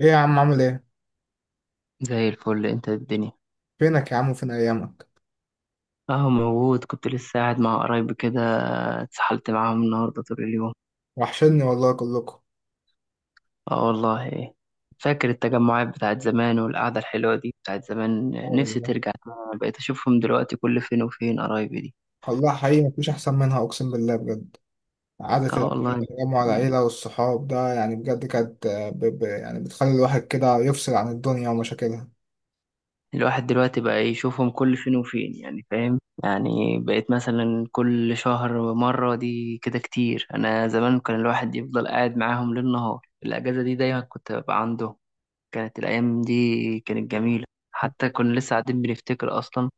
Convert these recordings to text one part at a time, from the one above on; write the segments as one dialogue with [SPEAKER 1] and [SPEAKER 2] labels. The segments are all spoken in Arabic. [SPEAKER 1] ايه يا عم، عامل ايه؟
[SPEAKER 2] زي الفل، انت الدنيا.
[SPEAKER 1] فينك يا عم وفين ايامك؟
[SPEAKER 2] اهو موجود، كنت لسه قاعد مع قرايبي كده. اتسحلت معاهم النهارده طول اليوم.
[SPEAKER 1] وحشني والله كلكم.
[SPEAKER 2] اه والله. فاكر التجمعات بتاعت زمان والقعدة الحلوة دي بتاعت زمان.
[SPEAKER 1] آه
[SPEAKER 2] نفسي
[SPEAKER 1] والله.
[SPEAKER 2] ترجع تاني. انا بقيت اشوفهم دلوقتي كل فين وفين قرايبي دي.
[SPEAKER 1] والله حقيقي مفيش احسن منها، اقسم بالله بجد. قعدة
[SPEAKER 2] اه
[SPEAKER 1] العيلة،
[SPEAKER 2] والله.
[SPEAKER 1] تجمع العيلة والصحاب ده، يعني بجد كانت يعني بتخلي الواحد كده يفصل عن الدنيا ومشاكلها.
[SPEAKER 2] الواحد دلوقتي بقى يشوفهم كل فين وفين، يعني فاهم؟ يعني بقيت مثلا كل شهر مرة، دي كده كتير. انا زمان كان الواحد يفضل قاعد معاهم ليل نهار. الاجازة دي دايما كنت ببقى عندهم. كانت الأيام دي كانت جميلة. حتى كنا لسه قاعدين بنفتكر أصلا.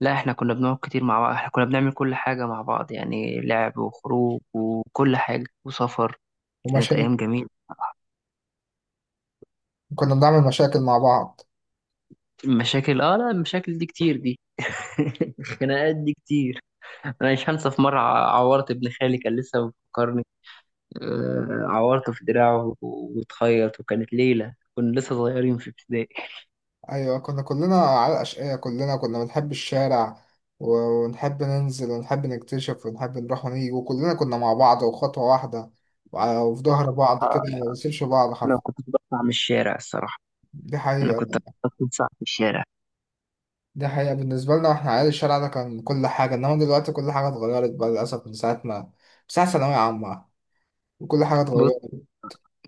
[SPEAKER 2] لا، إحنا كنا بنقعد كتير مع بعض. إحنا كنا بنعمل كل حاجة مع بعض، يعني لعب وخروج وكل حاجة وسفر. كانت
[SPEAKER 1] ومشاكل.
[SPEAKER 2] أيام جميلة.
[SPEAKER 1] كنا بنعمل مشاكل مع بعض.
[SPEAKER 2] المشاكل آه، لا المشاكل دي كتير دي الخناقات دي كتير. أنا مش هنسى، في مرة عورت ابن خالي، كان لسه بيفكرني. عورته في دراعه واتخيط، وكانت ليلة كنا لسه صغيرين في ابتدائي.
[SPEAKER 1] ايوه، كنا كلنا على الاشقية، كلنا كنا بنحب الشارع و... ونحب ننزل ونحب نكتشف ونحب نروح ونيجي، وكلنا كنا مع بعض وخطوة واحدة، وفي ظهر بعض
[SPEAKER 2] آه،
[SPEAKER 1] كده، ما بنسيبش بعض
[SPEAKER 2] أنا
[SPEAKER 1] حرفيا.
[SPEAKER 2] كنت بطلع من الشارع الصراحة.
[SPEAKER 1] دي
[SPEAKER 2] أنا كنت
[SPEAKER 1] حقيقة.
[SPEAKER 2] بطلع في الشارع.
[SPEAKER 1] دي حقيقة بالنسبة لنا، واحنا عيال الشارع ده كان كل حاجة، انما دلوقتي كل حاجة اتغيرت بقى للأسف، من ساعة ما ساعة ثانوية عامة، وكل حاجة اتغيرت.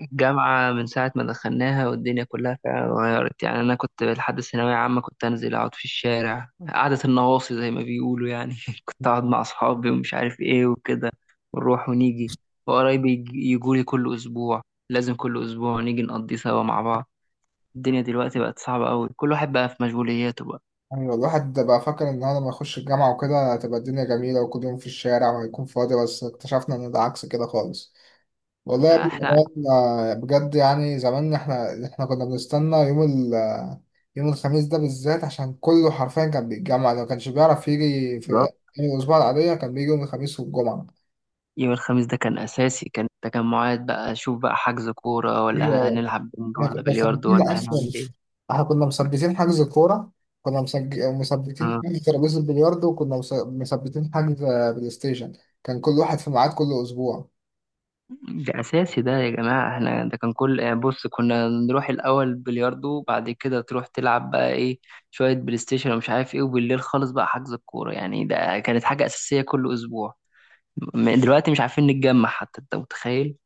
[SPEAKER 2] الجامعة من ساعة ما دخلناها والدنيا كلها فعلا اتغيرت، يعني أنا كنت لحد الثانوية عامة كنت أنزل أقعد في الشارع قعدة النواصي زي ما بيقولوا يعني، كنت أقعد مع أصحابي ومش عارف إيه وكده. ونروح ونيجي. وقرايبي يجولي كل أسبوع، لازم كل أسبوع نيجي نقضي سوا مع بعض. الدنيا دلوقتي بقت صعبة أوي، كل واحد بقى في مشغولياته بقى.
[SPEAKER 1] يعني الواحد ده بقى فاكر ان هو لما يخش الجامعة وكده هتبقى الدنيا جميلة وكل يوم في الشارع وهيكون فاضي، بس اكتشفنا ان ده عكس كده خالص. والله يا ابني
[SPEAKER 2] إحنا قاعدين.
[SPEAKER 1] بجد، يعني زمان احنا كنا بنستنى يوم الخميس ده بالذات، عشان كله حرفيا كان بيتجمع، لو كانش بيعرف يجي في
[SPEAKER 2] بالظبط.
[SPEAKER 1] أيام الأسبوع العادية كان بيجي يوم الخميس والجمعة.
[SPEAKER 2] يوم الخميس ده كان أساسي، كان تجمعات بقى، شوف بقى حجز كورة ولا هنلعب بنج
[SPEAKER 1] احنا كنا
[SPEAKER 2] ولا بلياردو
[SPEAKER 1] مثبتين
[SPEAKER 2] ولا
[SPEAKER 1] اصلا.
[SPEAKER 2] هنعمل إيه.
[SPEAKER 1] احنا كنا مثبتين حجز الكوره. كنا مثبتين حجز ترابيزه البلياردو، وكنا مثبتين بلاي ستيشن. كان كل واحد في ميعاد كل اسبوع.
[SPEAKER 2] ده اساسي ده يا جماعه، احنا ده كان كل بص كنا نروح الاول بلياردو، بعد كده تروح تلعب بقى ايه، شويه بلاي ستيشن ومش عارف ايه، وبالليل خالص بقى حجز الكوره. يعني ده كانت حاجه اساسيه كل اسبوع. دلوقتي مش عارفين نتجمع، حتى انت متخيل.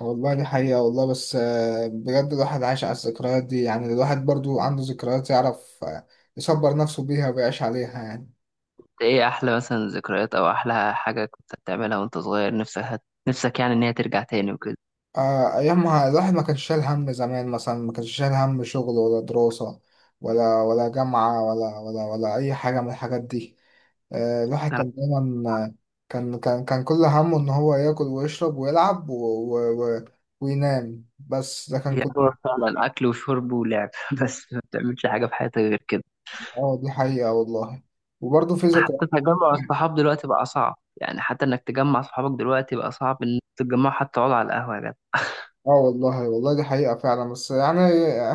[SPEAKER 1] والله دي حقيقة والله، بس بجد الواحد عايش على الذكريات دي، يعني الواحد برضو عنده ذكريات، يعرف يصبر نفسه بيها ويعيش عليها يعني.
[SPEAKER 2] ده ايه احلى مثلا ذكريات او احلى حاجه كنت بتعملها وانت صغير، نفسك نفسك يعني ان هي ترجع تاني وكده.
[SPEAKER 1] أيامها الواحد ما كانش شايل هم، زمان مثلا ما كانش شايل هم شغل ولا دراسة ولا جامعة، ولا أي حاجة من الحاجات دي. الواحد
[SPEAKER 2] بتلعب
[SPEAKER 1] كان دايما. كان كل همه ان هو ياكل ويشرب ويلعب و... و... وينام، بس ده كان
[SPEAKER 2] فيها
[SPEAKER 1] كل.
[SPEAKER 2] هو فعلا، على الاكل وشرب ولعب، بس ما بتعملش حاجه في حياتك غير كده.
[SPEAKER 1] اه دي حقيقة والله، وبرضه في
[SPEAKER 2] حتى
[SPEAKER 1] ذكريات.
[SPEAKER 2] تجمع الصحاب دلوقتي بقى صعب. يعني حتى انك تجمع صحابك دلوقتي بقى صعب ان تتجمعوا، حتى تقعدوا على القهوه يا جدع.
[SPEAKER 1] اه والله، والله دي حقيقة فعلا، بس يعني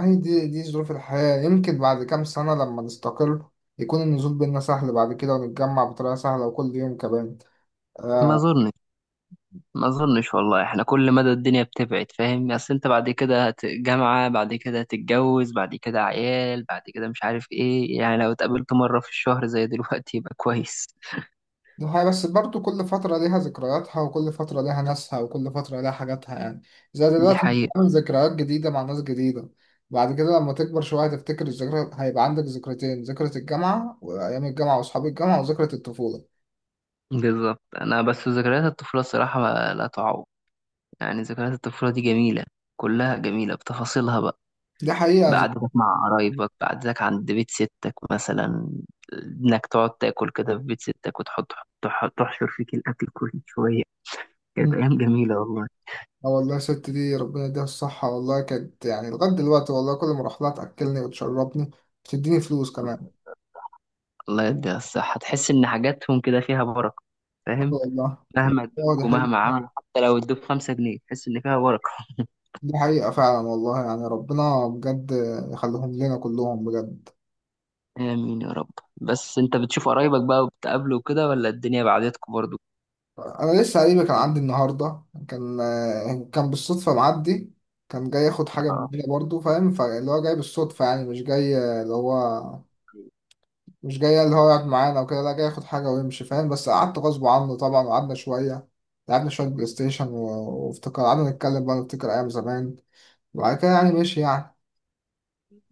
[SPEAKER 1] هي دي ظروف الحياة، يمكن بعد كام سنة لما نستقر يكون النزول بينا سهل بعد كده، ونتجمع بطريقة سهلة وكل يوم كمان.
[SPEAKER 2] ما
[SPEAKER 1] آه،
[SPEAKER 2] اظنش ما اظنش والله. احنا كل مدى الدنيا بتبعد، فاهم؟ اصل انت بعد كده جامعه، بعد كده هتتجوز، بعد كده عيال، بعد كده مش عارف ايه. يعني لو اتقابلت مره في الشهر زي دلوقتي يبقى كويس.
[SPEAKER 1] دي حقيقة، بس برضو كل فترة ليها ذكرياتها، وكل فترة ليها ناسها، وكل فترة ليها حاجاتها يعني. زي
[SPEAKER 2] دي
[SPEAKER 1] دلوقتي، انت
[SPEAKER 2] حقيقه.
[SPEAKER 1] بتعمل ذكريات جديدة مع ناس جديدة. بعد كده لما تكبر شوية هتفتكر الذكرى، هيبقى عندك ذكرتين: ذكرى الجامعة وأيام الجامعة وأصحاب الجامعة، وذكرى الطفولة.
[SPEAKER 2] بالظبط. انا بس ذكريات الطفوله الصراحه لا تعوض. يعني ذكريات الطفوله دي جميله. كلها جميله بتفاصيلها.
[SPEAKER 1] دي حقيقة.
[SPEAKER 2] بقعدتك مع قرايبك، بقعدتك عند بيت ستك مثلا. انك تقعد تاكل كده في بيت ستك، وتحط تحشر فيك الاكل كل شويه. كانت
[SPEAKER 1] مم.
[SPEAKER 2] ايام جميله والله.
[SPEAKER 1] اه والله، الست دي ربنا يديها الصحة، والله كانت يعني لغاية دلوقتي والله، كل ما أروح لها تأكلني وتشربني، بتديني فلوس كمان.
[SPEAKER 2] الله يديها الصحه. تحس ان حاجاتهم كده فيها بركه.
[SPEAKER 1] اه
[SPEAKER 2] فاهم؟
[SPEAKER 1] والله.
[SPEAKER 2] مهما
[SPEAKER 1] والله
[SPEAKER 2] ادوك
[SPEAKER 1] دي
[SPEAKER 2] ومهما
[SPEAKER 1] حقيقة.
[SPEAKER 2] عملوا، حتى لو ادوك 5 جنيه تحس ان فيها بركه.
[SPEAKER 1] دي حقيقة فعلا والله، يعني ربنا بجد يخليهم لنا كلهم بجد.
[SPEAKER 2] امين يا رب. بس انت بتشوف قرايبك بقى وبتقابله كده، ولا الدنيا بعدتكم برضو؟
[SPEAKER 1] انا لسه قريبي كان عندي النهارده، كان بالصدفه معدي، كان جاي ياخد حاجه مننا برضه، فاهم؟ فاللي هو جاي بالصدفه، يعني مش جاي، اللي هو مش جاي اللي هو يقعد معانا وكده، لا جاي ياخد حاجه ويمشي فاهم، بس قعدت غصب عنه طبعا وقعدنا شويه، لعبنا شويه بلاي ستيشن وافتكر قعدنا نتكلم بقى نفتكر ايام زمان، وبعد كده يعني ماشي يعني.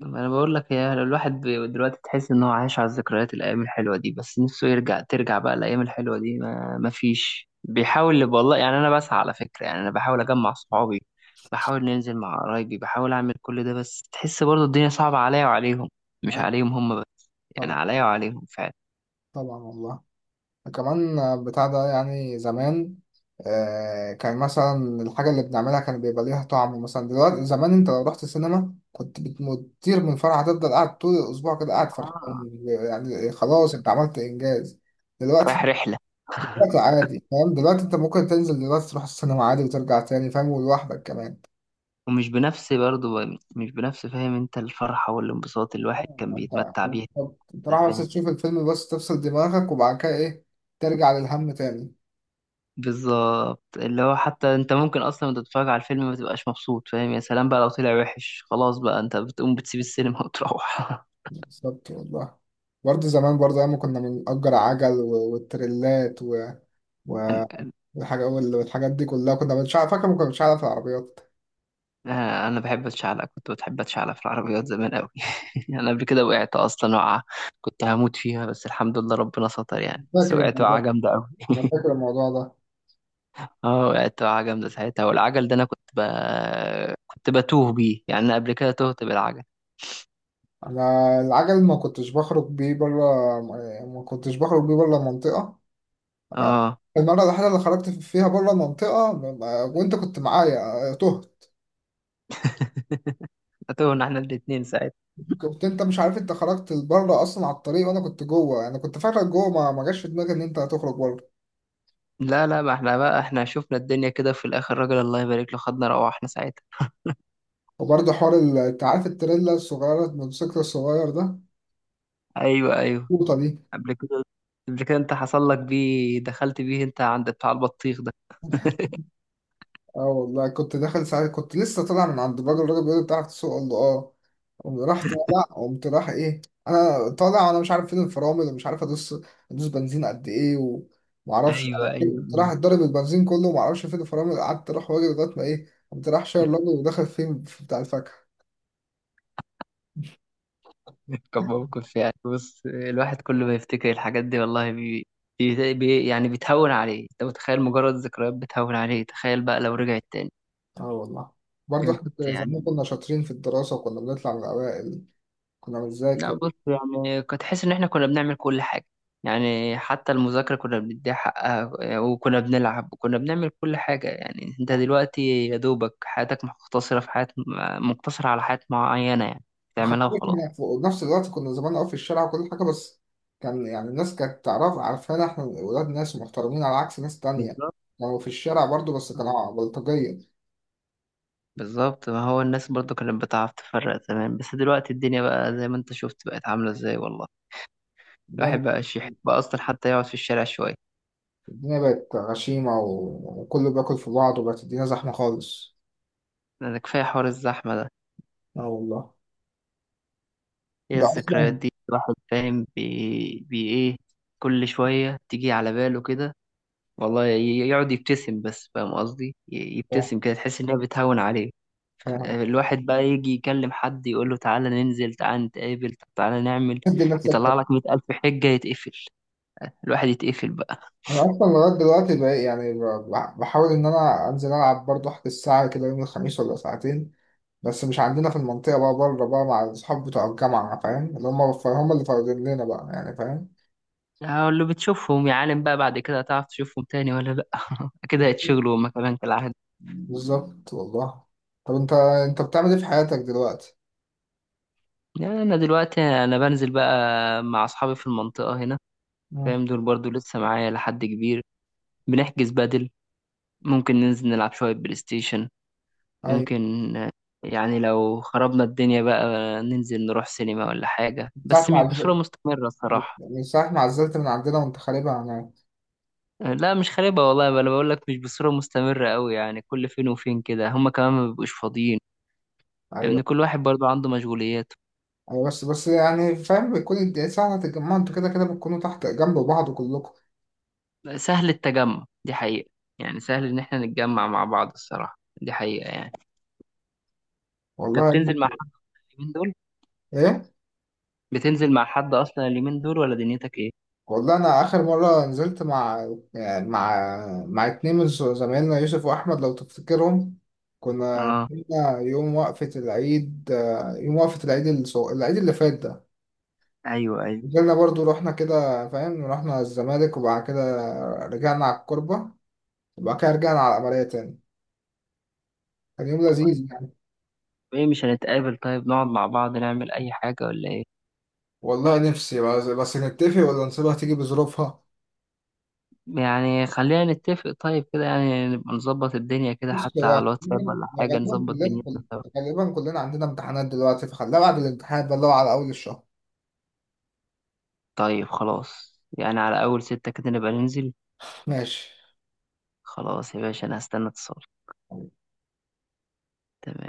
[SPEAKER 2] انا بقول لك يا، لو الواحد دلوقتي تحس ان هو عايش على الذكريات، الايام الحلوه دي، بس نفسه يرجع، ترجع بقى الايام الحلوه دي، ما فيش بيحاول والله. يعني انا بسعى على فكره، يعني انا بحاول اجمع صحابي، بحاول ننزل مع قرايبي، بحاول اعمل كل ده، بس تحس برضه الدنيا صعبه عليا وعليهم. مش
[SPEAKER 1] أي،
[SPEAKER 2] عليهم هم بس. يعني
[SPEAKER 1] طبعا.
[SPEAKER 2] عليا وعليهم فعلا.
[SPEAKER 1] طبعا والله. كمان بتاع ده يعني زمان، كان مثلا الحاجة اللي بنعملها كان بيبقى ليها طعم. مثلا دلوقتي، زمان انت لو رحت السينما كنت بتطير من الفرحة، هتفضل قاعد طول الأسبوع كده قاعد
[SPEAKER 2] آه.
[SPEAKER 1] فرحان، يعني خلاص انت عملت إنجاز.
[SPEAKER 2] رايح
[SPEAKER 1] دلوقتي،
[SPEAKER 2] رحله.
[SPEAKER 1] عادي فاهم، دلوقتي انت ممكن تنزل دلوقتي تروح السينما عادي وترجع تاني فاهم، ولوحدك كمان.
[SPEAKER 2] ومش بنفس برضه. مش بنفس، فاهم انت؟ الفرحه والانبساط اللي الواحد
[SPEAKER 1] آه،
[SPEAKER 2] كان
[SPEAKER 1] انت
[SPEAKER 2] بيتمتع بيها
[SPEAKER 1] انت
[SPEAKER 2] كده،
[SPEAKER 1] رايح بس
[SPEAKER 2] فاهم؟
[SPEAKER 1] تشوف الفيلم، بس تفصل دماغك، وبعد كده ايه، ترجع للهم تاني.
[SPEAKER 2] بالظبط. اللي هو حتى انت ممكن اصلا وانت بتتفرج على الفيلم ما تبقاش مبسوط، فاهم؟ يا سلام بقى لو طلع وحش، خلاص بقى انت بتقوم بتسيب السينما وتروح.
[SPEAKER 1] بالظبط والله. برضه زمان، برضه أيام ما كنا بنأجر عجل والتريلات و- والحاجة والحاجات دي كلها، كنا مش عارف، فاكر ما كناش عارف العربيات.
[SPEAKER 2] انا بحب اتشعلق، كنت بتحب اتشعلق في العربيات زمان قوي. انا قبل كده وقعت اصلا وقعه، كنت هموت فيها، بس الحمد لله ربنا ستر يعني. بس
[SPEAKER 1] فاكر
[SPEAKER 2] وقعت
[SPEAKER 1] الموضوع
[SPEAKER 2] وقعه
[SPEAKER 1] ده.
[SPEAKER 2] جامده قوي.
[SPEAKER 1] أنا فاكر الموضوع ده.
[SPEAKER 2] اه وقعت وقعه جامده ساعتها. والعجل ده انا كنت بتوه بيه. يعني انا قبل كده تهت بالعجل.
[SPEAKER 1] أنا العجل ما كنتش بخرج بيه بره، ما كنتش بخرج بيه بره المنطقة.
[SPEAKER 2] اه.
[SPEAKER 1] المرة الوحيدة اللي خرجت فيها بره المنطقة وأنت كنت معايا تهت.
[SPEAKER 2] تهنا احنا الاتنين ساعتها.
[SPEAKER 1] كنت أنت مش عارف، أنت خرجت بره أصلا على الطريق، وأنا كنت جوه، أنا كنت فاكرك جوه، ما جاش في دماغي إن أنت هتخرج بره.
[SPEAKER 2] لا ما احنا بقى احنا شفنا الدنيا كده في الاخر، راجل الله يبارك له خدنا روحنا ساعتها.
[SPEAKER 1] وبرضه حوار انت عارف التريلا الصغيرة، الموتوسيكل الصغير ده،
[SPEAKER 2] ايوه ايوه.
[SPEAKER 1] القوطة دي.
[SPEAKER 2] قبل كده قبل كده انت حصل لك بيه، دخلت بيه انت عند بتاع البطيخ ده.
[SPEAKER 1] اه والله كنت داخل ساعات، كنت لسه طالع من عند الراجل، الراجل بيقول لي بتعرف تسوق؟ قال له اه. قمت راح طالع، قمت راح ايه، انا طالع وانا مش عارف فين الفرامل ومش عارف ادوس، ادوس بنزين قد ايه، ومعرفش.
[SPEAKER 2] ايوه ايوه
[SPEAKER 1] قمت راح
[SPEAKER 2] ايوه.
[SPEAKER 1] اتضرب البنزين كله ومعرفش فين الفرامل، قعدت اروح واجي لغاية ما ايه، قمت راح شاير الراجل وداخل فين، في بتاع الفاكهة.
[SPEAKER 2] كان موقف يعني. بص الواحد كل ما يفتكر الحاجات دي والله يعني بتهون عليه. انت متخيل؟ مجرد ذكريات بتهون عليه، تخيل بقى لو رجعت تاني.
[SPEAKER 1] اه والله. برضه
[SPEAKER 2] بجد
[SPEAKER 1] احنا زمان
[SPEAKER 2] يعني.
[SPEAKER 1] كنا شاطرين في الدراسة وكنا بنطلع من الأوائل، كنا
[SPEAKER 2] لا
[SPEAKER 1] بنذاكر.
[SPEAKER 2] بص يعني كنت حاسس ان احنا كنا بنعمل كل حاجه. يعني حتى المذاكره كنا بنديها حقها، وكنا بنلعب وكنا بنعمل كل حاجه. يعني انت دلوقتي يا دوبك حياتك مقتصره في حياه، مقتصره على حياه معينه، يعني
[SPEAKER 1] وخدت
[SPEAKER 2] تعملها
[SPEAKER 1] بالك
[SPEAKER 2] وخلاص.
[SPEAKER 1] إن في نفس الوقت كنا زمان قوي في الشارع وكل حاجة، بس كان يعني الناس كانت تعرف، عارفانا إحنا ولاد ناس ومحترمين على عكس ناس تانية،
[SPEAKER 2] بالظبط.
[SPEAKER 1] كانوا في الشارع برضو بس كانوا بلطجية.
[SPEAKER 2] بالظبط. ما هو الناس برضو كانت بتعرف تفرق زمان، بس دلوقتي الدنيا بقى زي ما انت شفت بقت عامله ازاي والله.
[SPEAKER 1] الدنيا
[SPEAKER 2] الواحد بقى شيح بقى اصلا حتى يقعد في الشارع شويه.
[SPEAKER 1] الدنيا بقت غشيمة وكله بياكل في بعض، وبقت الدنيا زحمة خالص.
[SPEAKER 2] ده كفايه حوار الزحمه ده.
[SPEAKER 1] اه والله.
[SPEAKER 2] هي
[SPEAKER 1] ده
[SPEAKER 2] الذكريات
[SPEAKER 1] أصلا
[SPEAKER 2] دي الواحد فاهم بي ايه؟ كل شوية تيجي على باله كده. والله يقعد يبتسم بس، فاهم قصدي؟ يبتسم كده، تحس إنها بتهون عليه. الواحد بقى يجي يكلم حد يقول له تعالى ننزل، تعالى نتقابل، طب تعالى نعمل،
[SPEAKER 1] دي نفسك ده.
[SPEAKER 2] يطلع لك 100,000 حجة، يتقفل. الواحد يتقفل بقى.
[SPEAKER 1] أنا أصلا لغاية دلوقتي بقى يعني بحاول إن أنا أنزل ألعب برضو، أحجز الساعة كده يوم الخميس ولا ساعتين، بس مش عندنا في المنطقة بقى، بره بقى مع الأصحاب بتوع الجامعة، فاهم؟ اللي هم هم اللي فاضلين لنا بقى يعني فاهم.
[SPEAKER 2] هقول له بتشوفهم يا عالم بقى؟ بعد كده هتعرف تشوفهم تاني ولا لأ؟ كده هيتشغلوا هما كمان كالعادة.
[SPEAKER 1] بالظبط والله. طب أنت، أنت بتعمل إيه في حياتك دلوقتي؟
[SPEAKER 2] يعني أنا دلوقتي أنا بنزل بقى مع أصحابي في المنطقة هنا.
[SPEAKER 1] مم.
[SPEAKER 2] فاهم؟ دول برضو لسه معايا لحد كبير. بنحجز بدل. ممكن ننزل نلعب شوية بلاي ستيشن،
[SPEAKER 1] أيوة.
[SPEAKER 2] ممكن يعني لو خربنا الدنيا بقى ننزل نروح سينما ولا حاجة،
[SPEAKER 1] من ساعة
[SPEAKER 2] بس
[SPEAKER 1] ما
[SPEAKER 2] مش بصورة
[SPEAKER 1] عزلت،
[SPEAKER 2] مستمرة الصراحة.
[SPEAKER 1] من ساعة ما عزلت من عندنا، وأنت خاربها هناك.
[SPEAKER 2] لا مش خاربة والله بقى. أنا بقول لك مش بصورة مستمرة أوي، يعني كل فين وفين كده، هما كمان ما بيبقوش فاضيين، لأن
[SPEAKER 1] أيوة.
[SPEAKER 2] كل واحد برضو عنده مشغولياته.
[SPEAKER 1] أيوة، بس يعني فاهم، بيكون أنت ساعة ما تتجمعوا أنتوا كده كده بتكونوا تحت جنب بعض كلكم.
[SPEAKER 2] سهل التجمع دي حقيقة. يعني سهل إن إحنا نتجمع مع بعض الصراحة، دي حقيقة يعني.
[SPEAKER 1] والله
[SPEAKER 2] أنت
[SPEAKER 1] يا ابني.
[SPEAKER 2] بتنزل مع حد من دول؟
[SPEAKER 1] إيه؟
[SPEAKER 2] بتنزل مع حد أصلا اليومين دول ولا دنيتك إيه؟
[SPEAKER 1] والله انا اخر مره نزلت مع يعني مع مع اتنين من زمايلنا، يوسف واحمد لو تفتكرهم. كنا
[SPEAKER 2] اه.
[SPEAKER 1] نزلنا يوم وقفه العيد، العيد اللي فات ده.
[SPEAKER 2] ايوه ايوه.
[SPEAKER 1] نزلنا برضو رحنا كده فاهم، رحنا الزمالك، وبعد كده رجعنا على الكوربه، وبعد كده رجعنا على العمليه تاني. كان يوم
[SPEAKER 2] طيب
[SPEAKER 1] لذيذ يعني.
[SPEAKER 2] ايه مش هنتقابل؟ طيب نقعد مع بعض نعمل اي حاجة ولا ايه؟
[SPEAKER 1] والله نفسي، بس نتفق ولا نسيبها تيجي بظروفها.
[SPEAKER 2] يعني خلينا نتفق طيب كده، يعني نبقى نظبط الدنيا كده
[SPEAKER 1] بص
[SPEAKER 2] حتى على
[SPEAKER 1] هو
[SPEAKER 2] الواتساب ولا حاجة،
[SPEAKER 1] غالبا،
[SPEAKER 2] نظبط دنيتنا سوا.
[SPEAKER 1] كلنا عندنا امتحانات دلوقتي، فخليها بعد الامتحان بقى اللي هو على اول الشهر.
[SPEAKER 2] طيب خلاص يعني على اول ستة كده نبقى ننزل.
[SPEAKER 1] ماشي.
[SPEAKER 2] خلاص يا باشا، انا هستنى اتصال. تمام.